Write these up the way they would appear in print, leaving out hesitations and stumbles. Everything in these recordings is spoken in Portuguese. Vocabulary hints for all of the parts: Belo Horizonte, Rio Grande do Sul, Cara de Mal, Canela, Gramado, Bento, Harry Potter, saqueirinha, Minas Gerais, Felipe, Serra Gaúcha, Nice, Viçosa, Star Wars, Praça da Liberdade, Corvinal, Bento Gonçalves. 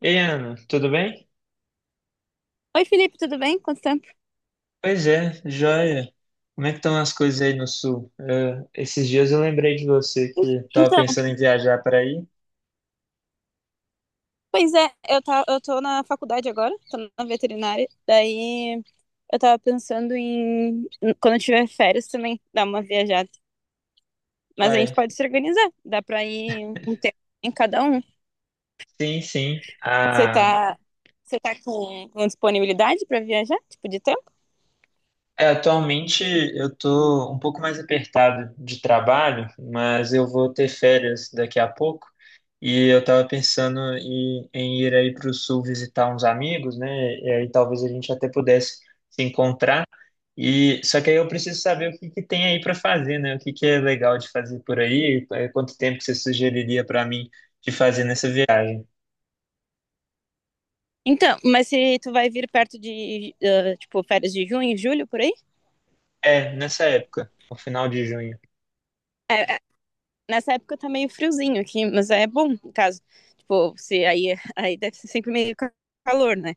Ei, Ana, tudo bem? Oi, Felipe, tudo bem? Quanto tempo? Pois é, joia. Como é que estão as coisas aí no sul? É, esses dias eu lembrei de você que estava Então, pensando em viajar para aí. pois é, tá, eu tô na faculdade agora, tô na veterinária, daí eu tava pensando quando eu tiver férias também, dar uma viajada. Mas a gente Uai, pode se organizar, dá pra ir um tempo em cada um. sim, sim. Você Ah, tá, você tá com disponibilidade pra viajar, tipo, de tempo? É, atualmente eu tô um pouco mais apertado de trabalho, mas eu vou ter férias daqui a pouco e eu tava pensando em ir aí para o sul visitar uns amigos, né? E aí talvez a gente até pudesse se encontrar. E só que aí eu preciso saber o que que tem aí para fazer, né? O que que é legal de fazer por aí? Eh, Quanto tempo que você sugeriria para mim de fazer nessa viagem? Então, mas se tu vai vir perto de, tipo, férias de junho, julho, por aí? É, nessa época, no final de junho. Nessa época tá meio friozinho aqui, mas é bom, no caso. Tipo, se aí, aí deve ser sempre meio calor, né?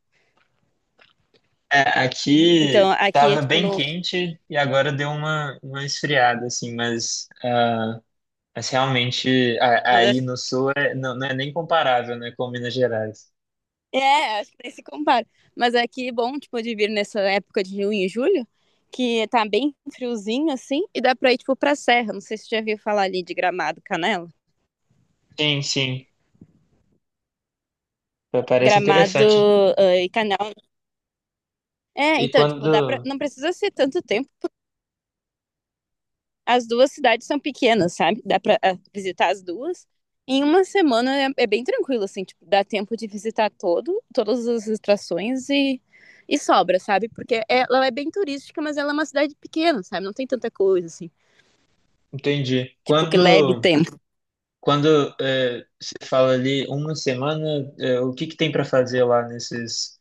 É, Então, aqui aqui é tava tipo bem no. quente e agora deu uma esfriada, assim, mas, mas realmente Mas aí acho- no sul não, não é nem comparável, né, com Minas Gerais. é, acho que nem se compara. Mas aqui é bom, tipo, de vir nessa época de junho e julho, que tá bem friozinho, assim, e dá pra ir, tipo, pra serra. Não sei se você já viu falar ali de Gramado, Canela. Sim, sim, parece Gramado, interessante. E Canela. É, E então, tipo, dá pra. quando, Não precisa ser tanto tempo. As duas cidades são pequenas, sabe? Dá pra visitar as duas. Em uma semana é bem tranquilo, assim, tipo, dá tempo de visitar todas as atrações e sobra, sabe? Porque ela é bem turística, mas ela é uma cidade pequena, sabe? Não tem tanta coisa, assim, entendi, tipo, que leve quando, tempo. quando você fala ali uma semana, é, o que que tem para fazer lá nesses,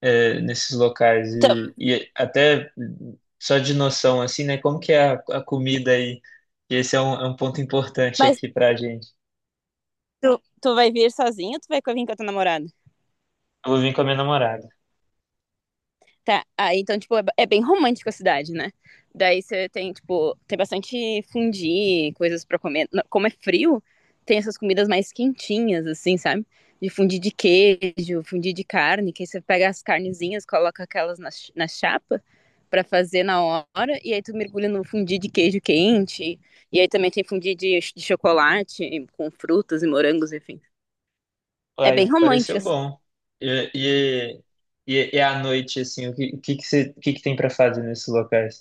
é, nesses locais Então, e até só de noção assim, né? Como que é a comida aí? E esse é é um ponto importante mas aqui pra gente. tu vai vir sozinho ou tu vai vir com a tua namorada? Eu vou vir com a minha namorada. Tá, então, tipo, é bem romântico a cidade, né? Daí você tem, tipo, tem bastante fundi, coisas pra comer. Não, como é frio, tem essas comidas mais quentinhas, assim, sabe? De fundi de queijo, fundi de carne, que aí você pega as carnezinhas, coloca aquelas na chapa pra fazer na hora, e aí tu mergulha no fundi de queijo quente, e aí também tem fundi de chocolate com frutas e morangos, enfim. É bem Uai, pareceu romântico, bom. E, e, e à noite, assim, o que que tem pra fazer nesses locais?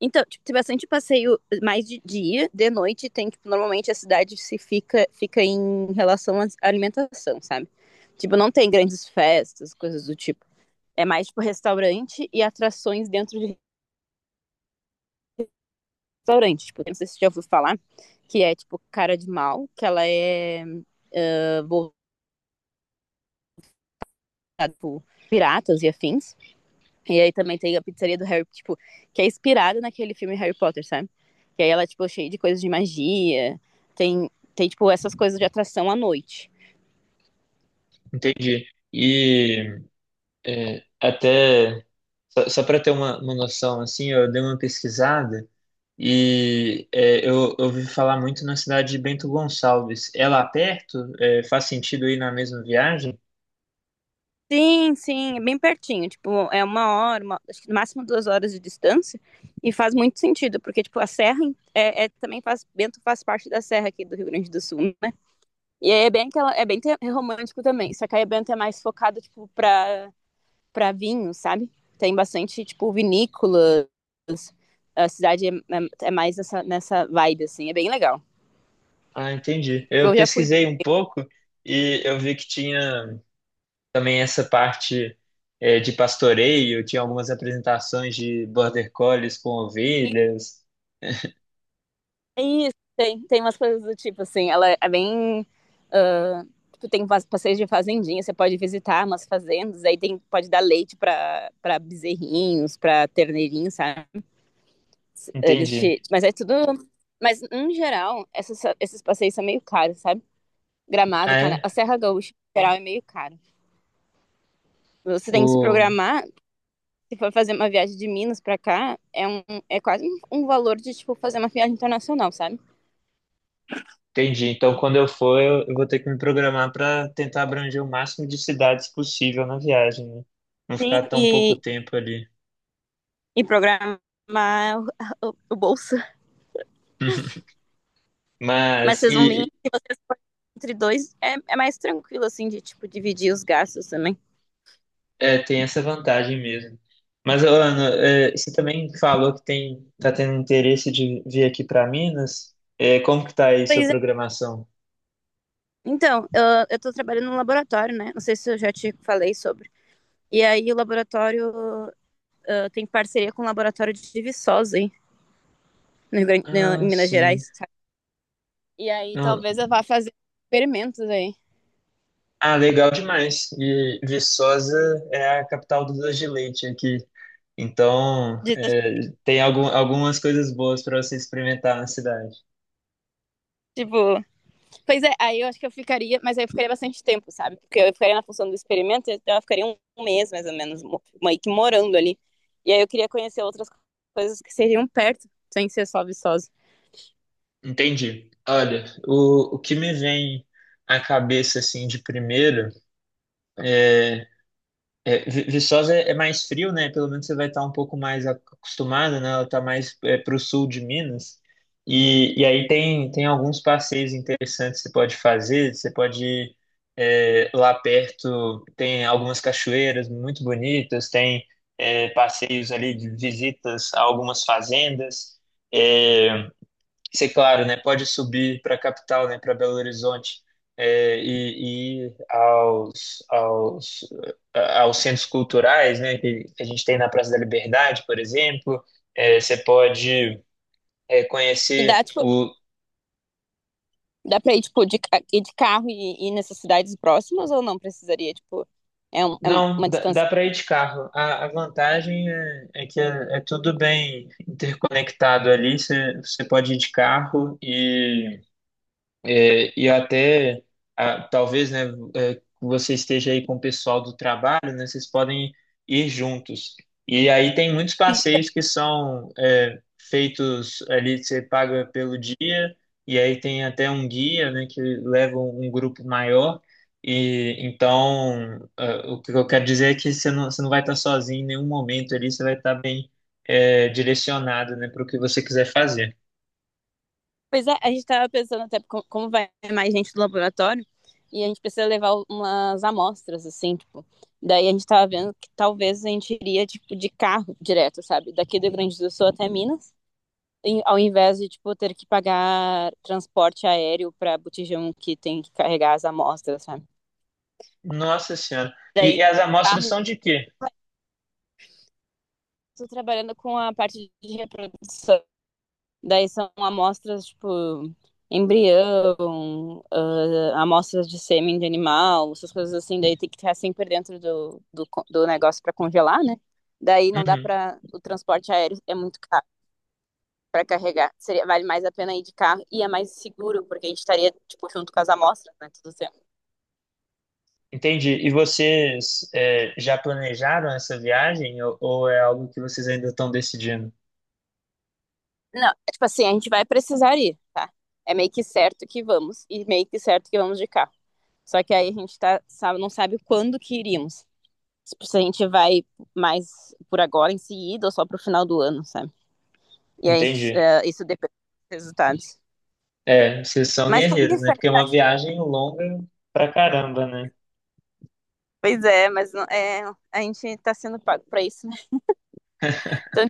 Então, tipo, tem bastante passeio mais de dia, de noite tem, tipo, normalmente a cidade se fica em relação à alimentação, sabe? Tipo, não tem grandes festas, coisas do tipo. É mais, tipo, restaurante e atrações dentro de restaurante. Tipo, não sei se você já ouviu falar, que é, tipo, Cara de Mal, que ela é voltada por piratas e afins. E aí também tem a pizzaria do Harry, tipo, que é inspirada naquele filme Harry Potter, sabe? Que aí ela, tipo, é tipo, cheia de coisas de magia, tem, tipo, essas coisas de atração à noite. Entendi. E é, até só para ter uma noção, assim, eu dei uma pesquisada eu ouvi falar muito na cidade de Bento Gonçalves. É lá perto? É, faz sentido ir na mesma viagem? Sim, sim, é bem pertinho, tipo, é uma hora, uma, acho que no máximo 2 horas de distância, e faz muito sentido, porque, tipo, a serra é também faz, Bento faz parte da serra aqui do Rio Grande do Sul, né? E aí é bem, aquela, é bem romântico também, só que aí Bento é mais focado, tipo, pra para vinho, sabe? Tem bastante, tipo, vinícolas. A cidade é mais nessa vibe, assim. É bem legal. Ah, entendi. Tipo, Eu eu já fui pra pesquisei um pouco e eu vi que tinha também essa parte de pastoreio, tinha algumas apresentações de border collies com Nice, ovelhas. é isso, tem umas coisas do tipo, assim. Ela é bem... ah, tipo, tem passeios de fazendinha, você pode visitar umas fazendas. Aí tem, pode dar leite para bezerrinhos, para terneirinhos, sabe? Eles Entendi. te, mas é tudo. Mas, em geral, esses passeios são meio caros, sabe? Gramado, Ah, Cana. é? A Serra Gaúcha, em geral, é meio caro. Você tem que se programar. Se for fazer uma viagem de Minas para cá, é, um, é quase um valor de, tipo, fazer uma viagem internacional, sabe? Entendi. Então, quando eu for, eu vou ter que me programar para tentar abranger o máximo de cidades possível na viagem, né? Não Sim, ficar tão pouco e, tempo ali. e programar o bolso. Mas Mas vocês vão vir e entre dois, é mais tranquilo, assim, de, tipo, dividir os gastos também. é, tem essa vantagem mesmo. Mas, ô, Ana, é, você também falou que tem tá tendo interesse de vir aqui para Minas. É, como que tá aí sua Pois é. programação? Então, eu tô trabalhando no laboratório, né? Não sei se eu já te falei sobre. E aí, o laboratório tem parceria com o laboratório de Viçosa, aí, no Rio Grande, Ah, em Minas sim. Gerais, sabe? E aí, Não- talvez eu vá fazer experimentos aí. Ah, legal demais. E Viçosa é a capital do doce de leite aqui. Então, De, é, tem algumas coisas boas para você experimentar na cidade. tipo, pois é, aí eu acho que eu ficaria, mas aí eu ficaria bastante tempo, sabe? Porque eu ficaria na função do experimento, então eu ficaria um mês mais ou menos, meio que morando ali. E aí eu queria conhecer outras coisas que seriam perto, sem ser só Viçosa. Entendi. Olha, o que me vem à cabeça assim de primeiro é é, Viçosa é mais frio, né? Pelo menos você vai estar um pouco mais acostumado, né? Ela está mais é, para o sul de Minas. E aí tem alguns passeios interessantes que você pode fazer. Você pode ir é, lá perto, tem algumas cachoeiras muito bonitas, tem é, passeios ali de visitas a algumas fazendas. É, isso é claro, né? Pode subir para a capital, né? Para Belo Horizonte e ir aos centros culturais, né? Que a gente tem na Praça da Liberdade, por exemplo. É, você pode é, E conhecer dá, tipo, o. dá pra ir, tipo, ir de carro e ir nessas cidades próximas ou não precisaria, tipo, é Não, uma distância. dá para ir de carro. A vantagem é que é tudo bem interconectado ali. Você pode ir de carro e é, e até, ah, talvez, né, é, você esteja aí com o pessoal do trabalho, né, vocês podem ir juntos. E aí tem muitos passeios que são é, feitos ali, você paga pelo dia, e aí tem até um guia, né, que leva um grupo maior. E então, ah, o que eu quero dizer é que você não vai estar sozinho em nenhum momento ali, você vai estar bem é, direcionado, né, para o que você quiser fazer. Pois é, a gente estava pensando até como vai mais gente do laboratório e a gente precisa levar umas amostras, assim, tipo. Daí a gente estava vendo que talvez a gente iria, tipo, de carro direto, sabe? Daqui do Rio Grande do Sul até Minas, ao invés de, tipo, ter que pagar transporte aéreo para botijão que tem que carregar as amostras, sabe? Nossa Senhora. Daí, E as amostras carro, são de quê? tô trabalhando com a parte de reprodução. Daí são amostras, tipo, embrião, amostras de sêmen de animal, essas coisas assim. Daí tem que estar sempre dentro do negócio para congelar, né? Daí não dá Uhum, para. O transporte aéreo é muito caro para carregar. Seria, vale mais a pena ir de carro e é mais seguro, porque a gente estaria, tipo, junto com as amostras, né? Tudo certo. entendi. E vocês é, já planejaram essa viagem ou é algo que vocês ainda estão decidindo? Não, é tipo assim, a gente vai precisar ir, tá? É meio que certo que vamos, e meio que certo que vamos de carro. Só que aí a gente tá, sabe, não sabe quando que iríamos. Tipo, se a gente vai mais por agora em seguida ou só pro final do ano, sabe? E aí Entendi. Isso depende dos resultados. É, vocês são Mas como que. guerreiros, né? Porque é uma viagem longa pra caramba, né? Pois é, mas é, a gente tá sendo pago pra isso, né? Então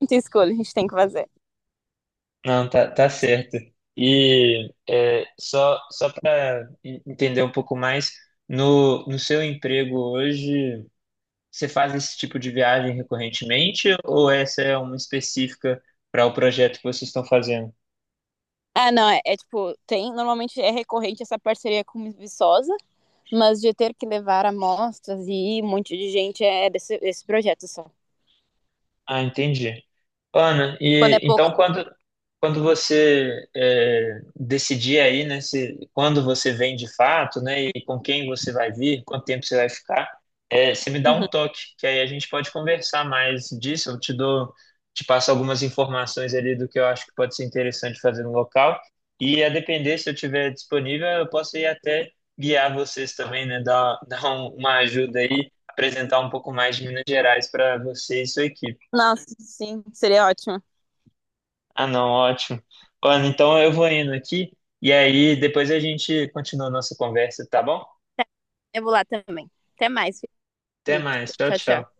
não tem escolha, a gente tem que fazer. Não, tá, tá certo. E é, só para entender um pouco mais, no seu emprego hoje, você faz esse tipo de viagem recorrentemente ou essa é uma específica para o projeto que vocês estão fazendo? Ah, não, é tipo, normalmente é recorrente essa parceria com Viçosa, mas de ter que levar amostras e ir um monte de gente é desse projeto só. Ah, entendi. Ana, Quando e é pouco. então quando você é, decidir aí, né, se, quando você vem de fato, né, e com quem você vai vir, quanto tempo você vai ficar, é, você me dá um Uhum. toque, que aí a gente pode conversar mais disso, eu te dou, te passo algumas informações ali do que eu acho que pode ser interessante fazer no local, e a depender, se eu tiver disponível, eu posso ir até guiar vocês também, né, dar, dar uma ajuda aí, apresentar um pouco mais de Minas Gerais para você e sua equipe. Nossa, sim, seria ótimo. Ah, não, ótimo. Olha, então eu vou indo aqui e aí depois a gente continua a nossa conversa, tá bom? Eu vou lá também. Até mais, Até Felipe. mais. Tchau, Tchau, tchau. tchau.